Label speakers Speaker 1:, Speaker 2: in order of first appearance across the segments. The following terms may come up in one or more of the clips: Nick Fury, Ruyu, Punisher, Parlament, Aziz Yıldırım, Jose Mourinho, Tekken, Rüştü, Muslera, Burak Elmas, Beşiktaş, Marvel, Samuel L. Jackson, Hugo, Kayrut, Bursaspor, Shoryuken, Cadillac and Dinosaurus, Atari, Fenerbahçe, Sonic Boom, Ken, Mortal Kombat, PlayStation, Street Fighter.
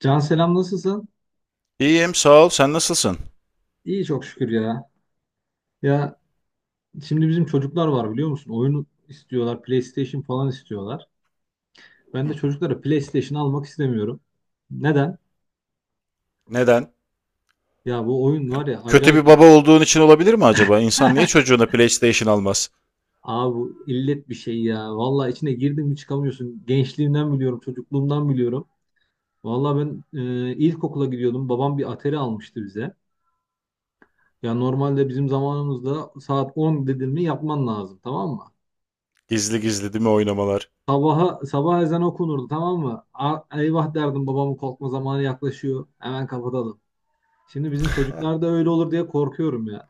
Speaker 1: Can selam nasılsın?
Speaker 2: İyiyim sağ ol. Sen nasılsın?
Speaker 1: İyi çok şükür ya. Ya şimdi bizim çocuklar var biliyor musun? Oyun istiyorlar, PlayStation falan istiyorlar. Ben de
Speaker 2: Hı.
Speaker 1: çocuklara PlayStation almak istemiyorum. Neden?
Speaker 2: Neden?
Speaker 1: Ya bu oyun
Speaker 2: Kö-
Speaker 1: var ya
Speaker 2: Kötü
Speaker 1: acayip.
Speaker 2: bir baba olduğun için olabilir mi acaba? İnsan niye çocuğuna PlayStation almaz?
Speaker 1: Abi bu illet bir şey ya. Vallahi içine girdin mi çıkamıyorsun. Gençliğimden biliyorum, çocukluğumdan biliyorum. Vallahi ben ilkokula gidiyordum. Babam bir Atari almıştı bize. Ya normalde bizim zamanımızda saat 10 dedin mi yapman lazım tamam mı?
Speaker 2: Gizli gizli değil mi oynamalar?
Speaker 1: Sabaha, sabah ezan okunurdu tamam mı? Eyvah derdim babamın korkma zamanı yaklaşıyor. Hemen kapatalım. Şimdi bizim çocuklar da öyle olur diye korkuyorum ya.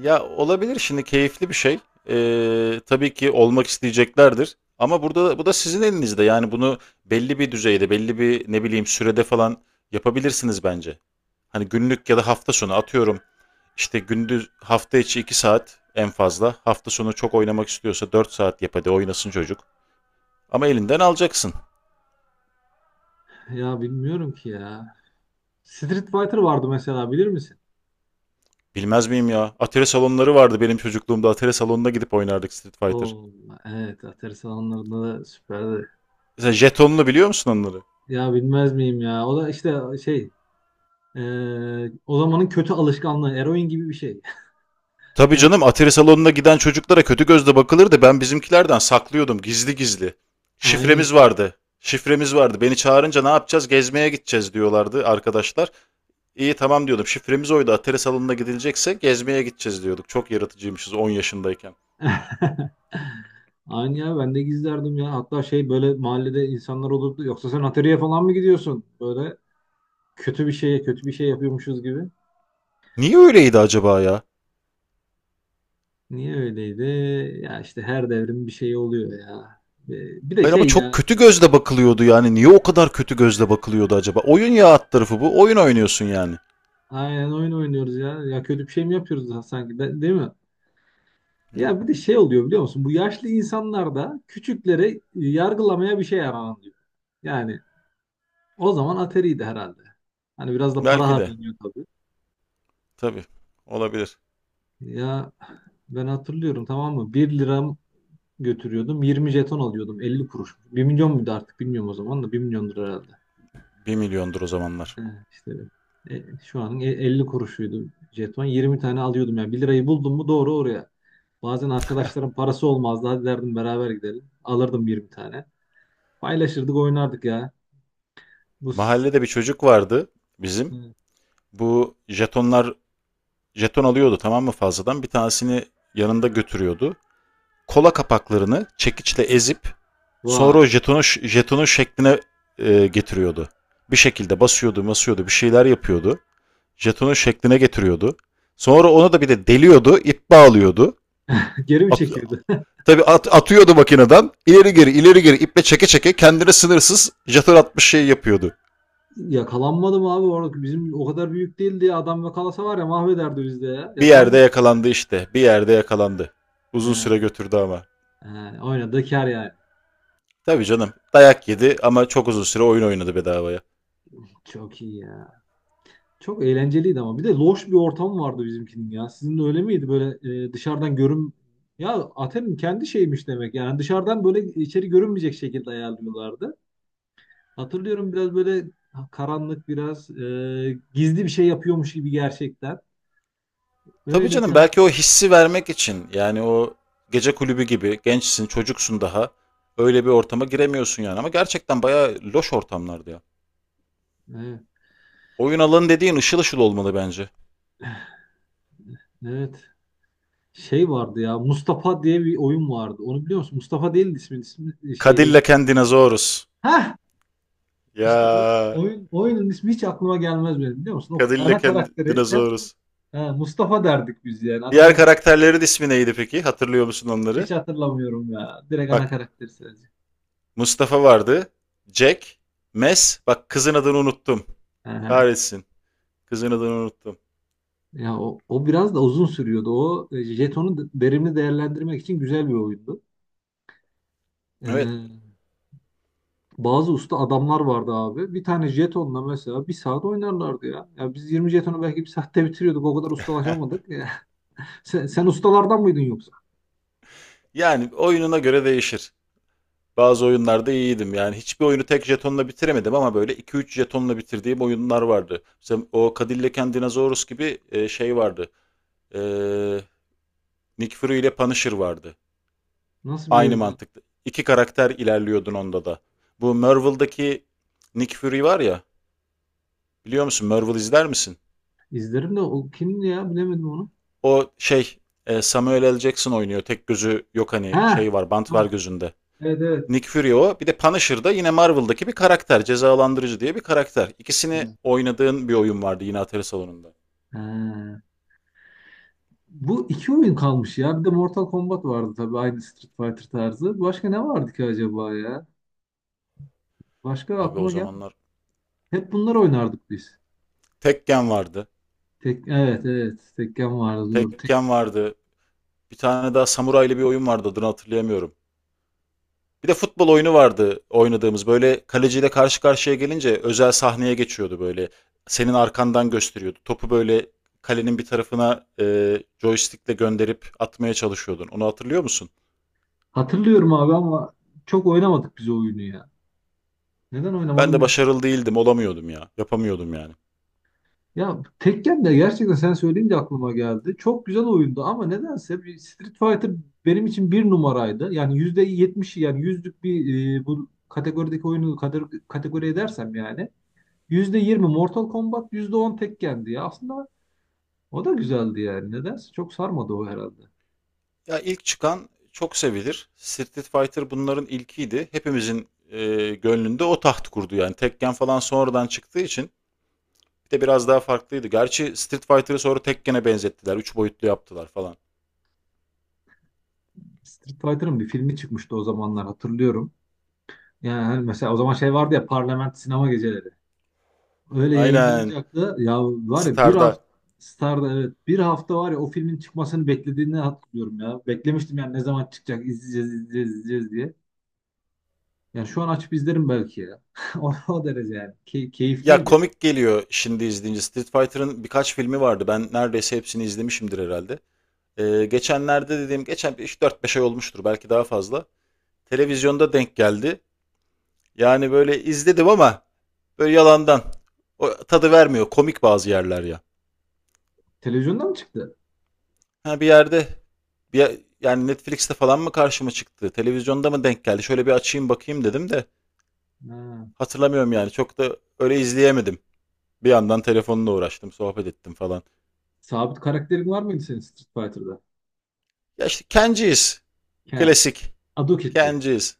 Speaker 2: Ya olabilir şimdi keyifli bir şey. Tabii ki olmak isteyeceklerdir. Ama burada bu da sizin elinizde. Yani bunu belli bir düzeyde, belli bir ne bileyim sürede falan yapabilirsiniz bence. Hani günlük ya da hafta sonu atıyorum. İşte gündüz hafta içi 2 saat en fazla. Hafta sonu çok oynamak istiyorsa 4 saat yap hadi oynasın çocuk. Ama elinden alacaksın.
Speaker 1: Ya bilmiyorum ki ya. Street Fighter vardı mesela bilir misin?
Speaker 2: Bilmez miyim ya? Atari salonları vardı benim çocukluğumda. Atari salonuna gidip oynardık Street Fighter.
Speaker 1: Oo, evet Atari salonlarında da süperdi.
Speaker 2: Mesela jetonlu biliyor musun onları?
Speaker 1: Ya bilmez miyim ya? O da işte şey o zamanın kötü alışkanlığı eroin gibi bir şey.
Speaker 2: Tabii
Speaker 1: Yani
Speaker 2: canım Atari salonuna giden çocuklara kötü gözle bakılırdı. Ben bizimkilerden saklıyordum gizli gizli.
Speaker 1: aynen.
Speaker 2: Şifremiz vardı. Şifremiz vardı. Beni çağırınca ne yapacağız? Gezmeye gideceğiz diyorlardı arkadaşlar. İyi tamam diyordum. Şifremiz oydu. Atari salonuna gidilecekse gezmeye gideceğiz diyorduk. Çok yaratıcıymışız 10 yaşındayken.
Speaker 1: Aynı ya ben de gizlerdim ya. Hatta şey böyle mahallede insanlar olurdu. Yoksa sen atölyeye falan mı gidiyorsun? Böyle kötü bir şeye kötü bir şey yapıyormuşuz gibi.
Speaker 2: Niye öyleydi acaba ya?
Speaker 1: Niye öyleydi? Ya işte her devrim bir şey oluyor ya. Bir de
Speaker 2: Hayır ama
Speaker 1: şey
Speaker 2: çok
Speaker 1: ya.
Speaker 2: kötü gözle bakılıyordu yani. Niye o kadar kötü gözle bakılıyordu acaba? Oyun ya alt tarafı bu. Oyun oynuyorsun yani.
Speaker 1: Aynen oyun oynuyoruz ya. Ya kötü bir şey mi yapıyoruz da sanki değil mi?
Speaker 2: yani.
Speaker 1: Ya bir de şey oluyor biliyor musun? Bu yaşlı insanlar da küçükleri yargılamaya bir şey yaranıyor. Yani o zaman ateriydi herhalde. Hani biraz da para
Speaker 2: Belki de.
Speaker 1: harcanıyor tabii.
Speaker 2: Tabii. Olabilir.
Speaker 1: Ya ben hatırlıyorum tamam mı? Bir liram götürüyordum. 20 jeton alıyordum. 50 kuruş. Bir milyon muydu artık bilmiyorum o zaman da 1 milyondur herhalde.
Speaker 2: Bir milyondur o zamanlar.
Speaker 1: He, işte şu anın 50 kuruşuydu jeton. 20 tane alıyordum ya. Bir lirayı buldum mu doğru oraya. Bazen arkadaşlarım parası olmazdı. Hadi derdim beraber gidelim. Alırdım 20 tane. Paylaşırdık oynardık ya. Bu s-
Speaker 2: Mahallede bir çocuk vardı bizim.
Speaker 1: Hı.
Speaker 2: Bu jetonlar jeton alıyordu tamam mı fazladan. Bir tanesini yanında götürüyordu. Kola kapaklarını çekiçle ezip sonra
Speaker 1: Vay.
Speaker 2: o jetonu, jetonu şekline getiriyordu. Bir şekilde basıyordu basıyordu bir şeyler yapıyordu. Jetonun şekline getiriyordu. Sonra onu da bir de deliyordu, ip bağlıyordu.
Speaker 1: Geri mi
Speaker 2: At,
Speaker 1: çekiyordu?
Speaker 2: tabii atıyordu makineden. İleri geri, ileri geri iple çeke çeke kendine sınırsız jeton atmış şey yapıyordu.
Speaker 1: Yakalanmadım abi orada. Bizim o kadar büyük değildi ya. Adam yakalasa var ya mahvederdi bizde ya.
Speaker 2: Bir yerde
Speaker 1: Yakalanmadım.
Speaker 2: yakalandı işte. Bir yerde yakalandı. Uzun
Speaker 1: He.
Speaker 2: süre götürdü ama.
Speaker 1: He, oynadığı kar yani.
Speaker 2: Tabii canım. Dayak yedi ama çok uzun süre oyun oynadı bedavaya.
Speaker 1: Çok iyi ya. Çok eğlenceliydi ama. Bir de loş bir ortam vardı bizimkinin ya. Sizin de öyle miydi? Böyle dışarıdan görün... Ya Aten'in kendi şeymiş demek. Yani dışarıdan böyle içeri görünmeyecek şekilde ayarlıyorlardı. Hatırlıyorum biraz böyle karanlık biraz gizli bir şey yapıyormuş gibi gerçekten.
Speaker 2: Tabii
Speaker 1: Öyle bir...
Speaker 2: canım belki o hissi vermek için yani o gece kulübü gibi gençsin, çocuksun daha. Öyle bir ortama giremiyorsun yani ama gerçekten bayağı loş ortamlardı ya.
Speaker 1: Evet,
Speaker 2: Oyun alanı dediğin ışıl ışıl olmalı bence.
Speaker 1: evet. Şey vardı ya. Mustafa diye bir oyun vardı. Onu biliyor musun? Mustafa değildi ismin, ismi şey
Speaker 2: Cadillac and Dinosaurus.
Speaker 1: oyun.
Speaker 2: Ya
Speaker 1: İşte o oyun oyunun ismi hiç aklıma gelmez benim biliyor musun? O ana
Speaker 2: Cadillac and
Speaker 1: karakteri hep
Speaker 2: Dinosaurus.
Speaker 1: ha, Mustafa derdik biz yani. Adamın
Speaker 2: Diğer
Speaker 1: da
Speaker 2: karakterlerin ismi neydi peki? Hatırlıyor musun onları?
Speaker 1: hiç hatırlamıyorum ya. Direkt ana
Speaker 2: Bak
Speaker 1: karakteri sadece.
Speaker 2: Mustafa vardı. Jack. Mes. Bak kızın adını unuttum.
Speaker 1: Aha.
Speaker 2: Kahretsin. Kızın adını unuttum.
Speaker 1: Ya o biraz da uzun sürüyordu. O jetonu verimli değerlendirmek için güzel bir oyundu.
Speaker 2: Evet.
Speaker 1: Ee, Bazı usta adamlar vardı abi. Bir tane jetonla mesela bir saat oynarlardı ya. Ya biz 20 jetonu belki bir saatte bitiriyorduk. O kadar ustalaşamadık. Ya. Sen ustalardan mıydın yoksa?
Speaker 2: Yani oyununa göre değişir. Bazı oyunlarda iyiydim. Yani hiçbir oyunu tek jetonla bitiremedim ama böyle iki üç jetonla bitirdiğim oyunlar vardı. Mesela o Cadillac and Dinosaurus gibi şey vardı. Eee Nick Fury ile Punisher vardı.
Speaker 1: Nasıl bir
Speaker 2: Aynı
Speaker 1: oyundu?
Speaker 2: mantıklı. İki karakter ilerliyordun onda da. Bu Marvel'daki Nick Fury var ya. Biliyor musun? Marvel izler misin?
Speaker 1: İzlerim de o kimdi ya bilemedim onu.
Speaker 2: O şey Samuel L. Jackson oynuyor. Tek gözü yok hani
Speaker 1: Ha,
Speaker 2: şey var bant var
Speaker 1: tamam.
Speaker 2: gözünde.
Speaker 1: Evet evet.
Speaker 2: Nick Fury o. Bir de Punisher da yine Marvel'daki bir karakter. Cezalandırıcı diye bir karakter. İkisini
Speaker 1: Hı.
Speaker 2: oynadığın bir oyun vardı yine atari salonunda.
Speaker 1: Ha. Bu iki oyun kalmış ya. Bir de Mortal Kombat vardı tabii aynı Street Fighter tarzı. Başka ne vardı ki acaba ya? Başka
Speaker 2: Abi o
Speaker 1: aklıma gel.
Speaker 2: zamanlar
Speaker 1: Hep bunlar oynardık biz.
Speaker 2: Tekken vardı.
Speaker 1: Evet evet. Tekken vardı doğru.
Speaker 2: Tekken vardı. Bir tane daha samuraylı bir oyun vardı adını hatırlayamıyorum. Bir de futbol oyunu vardı oynadığımız. Böyle kaleciyle karşı karşıya gelince özel sahneye geçiyordu böyle. Senin arkandan gösteriyordu. Topu böyle kalenin bir tarafına joystickle gönderip atmaya çalışıyordun. Onu hatırlıyor musun?
Speaker 1: Hatırlıyorum abi ama çok oynamadık biz o oyunu ya. Neden
Speaker 2: Ben
Speaker 1: oynamadım.
Speaker 2: de başarılı değildim, olamıyordum ya. Yapamıyordum yani.
Speaker 1: Ya Tekken de gerçekten sen söyleyince aklıma geldi. Çok güzel oyundu ama nedense bir Street Fighter benim için bir numaraydı. Yani %70'i yani yüzlük bir bu kategorideki oyunu kategori edersem yani %20 Mortal Kombat, %10 Tekken'di ya. Aslında o da güzeldi yani. Nedense çok sarmadı o herhalde.
Speaker 2: Ya ilk çıkan çok sevilir. Street Fighter bunların ilkiydi. Hepimizin gönlünde o taht kurdu yani. Tekken falan sonradan çıktığı için bir de biraz daha farklıydı. Gerçi Street Fighter'ı sonra Tekken'e benzettiler. Üç boyutlu yaptılar falan.
Speaker 1: Street Fighter'ın bir filmi çıkmıştı o zamanlar hatırlıyorum. Yani hani mesela o zaman şey vardı ya Parlament sinema geceleri. Öyle
Speaker 2: Aynen.
Speaker 1: yayınlanacak da ya var ya bir
Speaker 2: Star'da.
Speaker 1: hafta Star'da evet bir hafta var ya o filmin çıkmasını beklediğini hatırlıyorum ya. Beklemiştim yani ne zaman çıkacak izleyeceğiz izleyeceğiz izleyeceğiz diye. Yani şu an açıp izlerim belki ya. O derece yani.
Speaker 2: Ya
Speaker 1: Keyifliydi.
Speaker 2: komik geliyor şimdi izleyince. Street Fighter'ın birkaç filmi vardı. Ben neredeyse hepsini izlemişimdir herhalde. Geçenlerde dediğim, geçen 3-4-5 ay olmuştur belki daha fazla. Televizyonda denk geldi. Yani böyle izledim ama böyle yalandan. O tadı vermiyor. Komik bazı yerler ya.
Speaker 1: Televizyonda mı çıktı?
Speaker 2: Ha bir yerde bir, yani Netflix'te falan mı karşıma çıktı? Televizyonda mı denk geldi? Şöyle bir açayım bakayım dedim de
Speaker 1: Ha.
Speaker 2: hatırlamıyorum yani. Çok da öyle izleyemedim. Bir yandan telefonla uğraştım, sohbet ettim falan.
Speaker 1: Sabit karakterin var mıydı senin Street Fighter'da?
Speaker 2: Ya işte Kenji'yiz.
Speaker 1: He.
Speaker 2: Klasik.
Speaker 1: Adoketçi.
Speaker 2: Kenji'yiz.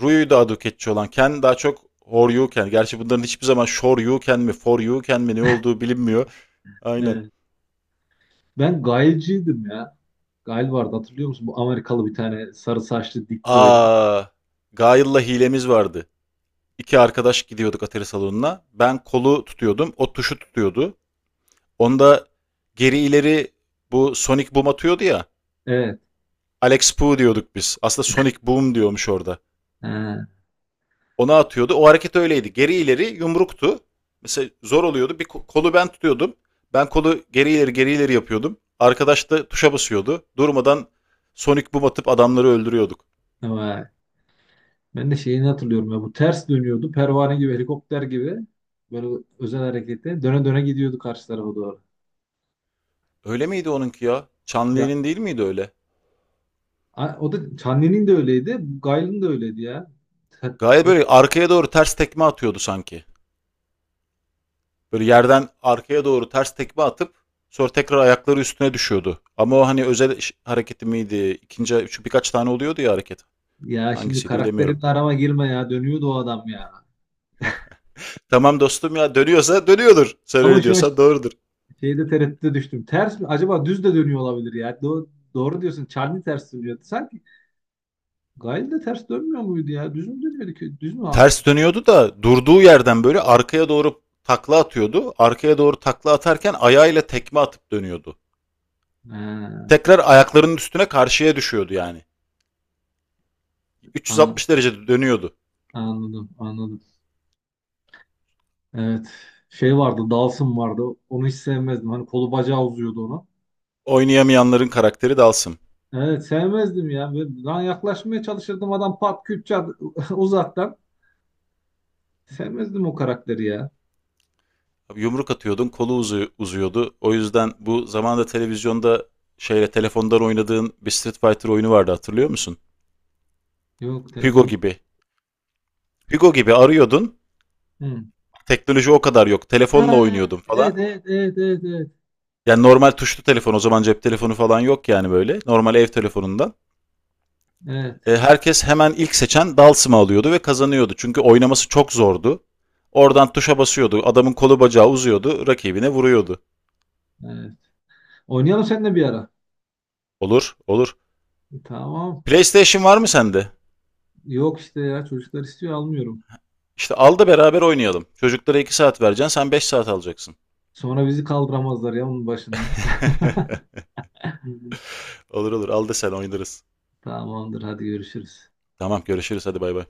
Speaker 2: Ruyu daha döketçi olan. Ken daha çok Horyuken. Gerçi bunların hiçbir zaman Shoryuken mi Foryuken mi ne olduğu bilinmiyor. Aynen.
Speaker 1: Evet. Ben Gail'ciydim ya. Gail vardı hatırlıyor musun? Bu Amerikalı bir tane sarı saçlı dik böyle.
Speaker 2: Aa, Gail'la hilemiz vardı. İki arkadaş gidiyorduk atari salonuna. Ben kolu tutuyordum. O tuşu tutuyordu. Onda geri ileri bu Sonic Boom atıyordu ya.
Speaker 1: Evet.
Speaker 2: Alex Poo diyorduk biz. Aslında Sonic Boom diyormuş orada. Ona atıyordu. O hareket öyleydi. Geri ileri yumruktu. Mesela zor oluyordu. Bir kolu ben tutuyordum. Ben kolu geri ileri geri ileri yapıyordum. Arkadaş da tuşa basıyordu. Durmadan Sonic Boom atıp adamları öldürüyorduk.
Speaker 1: He. Ben de şeyini hatırlıyorum ya bu ters dönüyordu. Pervane gibi helikopter gibi böyle özel harekette döne döne gidiyordu karşı tarafa doğru.
Speaker 2: Öyle miydi onunki ya?
Speaker 1: Ya
Speaker 2: Çanlı'nın değil miydi öyle?
Speaker 1: o da Çanlı'nın de öyleydi. Gayl'ın da öyleydi ya.
Speaker 2: Gayet
Speaker 1: Yok
Speaker 2: böyle arkaya doğru ters tekme atıyordu sanki. Böyle yerden arkaya doğru ters tekme atıp sonra tekrar ayakları üstüne düşüyordu. Ama o hani özel hareketi miydi? İkinci, şu birkaç tane oluyordu ya hareket.
Speaker 1: ya şimdi
Speaker 2: Hangisiydi bilemiyorum
Speaker 1: karakterimle
Speaker 2: tabii.
Speaker 1: arama girme ya. Dönüyordu o adam ya.
Speaker 2: Tamam dostum ya dönüyorsa dönüyordur. Sen
Speaker 1: Ama
Speaker 2: öyle
Speaker 1: şu an
Speaker 2: diyorsan doğrudur.
Speaker 1: şeyde tereddüte düştüm. Ters mi? Acaba düz de dönüyor olabilir ya. Doğru diyorsun. Çanlı ters dönüyordu. Sanki Gayl de ters dönmüyor muydu ya? Düz mü dönüyordu ki? Düz mü?
Speaker 2: Ters dönüyordu da durduğu yerden böyle arkaya doğru takla atıyordu. Arkaya doğru takla atarken ayağıyla tekme atıp dönüyordu.
Speaker 1: Ha,
Speaker 2: Tekrar ayaklarının üstüne karşıya düşüyordu yani. 360 derecede dönüyordu.
Speaker 1: anladım, anladım. Evet. Şey vardı, Dawson vardı. Onu hiç sevmezdim. Hani kolu bacağı uzuyordu onu.
Speaker 2: Oynayamayanların karakteri dalsın.
Speaker 1: Evet, sevmezdim ya. Ben yaklaşmaya çalışırdım adam pat küt çat uzaktan. Sevmezdim o karakteri ya.
Speaker 2: Yumruk atıyordun kolu uzuyordu. O yüzden bu zamanda televizyonda şeyle telefondan oynadığın bir Street Fighter oyunu vardı hatırlıyor musun?
Speaker 1: Yok
Speaker 2: Hugo
Speaker 1: telefonla.
Speaker 2: gibi. Hugo gibi arıyordun.
Speaker 1: Hı.
Speaker 2: Teknoloji o kadar yok.
Speaker 1: Ha,
Speaker 2: Telefonla oynuyordum
Speaker 1: evet,
Speaker 2: falan.
Speaker 1: evet, evet, evet, evet.
Speaker 2: Yani normal tuşlu telefon o zaman cep telefonu falan yok yani böyle. Normal ev telefonundan.
Speaker 1: Evet,
Speaker 2: E, herkes hemen ilk seçen Dalsim'i alıyordu ve kazanıyordu. Çünkü oynaması çok zordu. Oradan tuşa basıyordu. Adamın kolu bacağı uzuyordu. Rakibine vuruyordu.
Speaker 1: evet. Oynayalım seninle bir ara.
Speaker 2: Olur, olur.
Speaker 1: Tamam.
Speaker 2: PlayStation var mı sende?
Speaker 1: Yok işte ya çocuklar istiyor almıyorum.
Speaker 2: İşte al da beraber oynayalım. Çocuklara 2 saat vereceksin, sen 5 saat alacaksın.
Speaker 1: Sonra bizi kaldıramazlar ya onun başından.
Speaker 2: olur olur, al da sen oynarız.
Speaker 1: Tamamdır hadi görüşürüz.
Speaker 2: Tamam, görüşürüz. Hadi bay bay.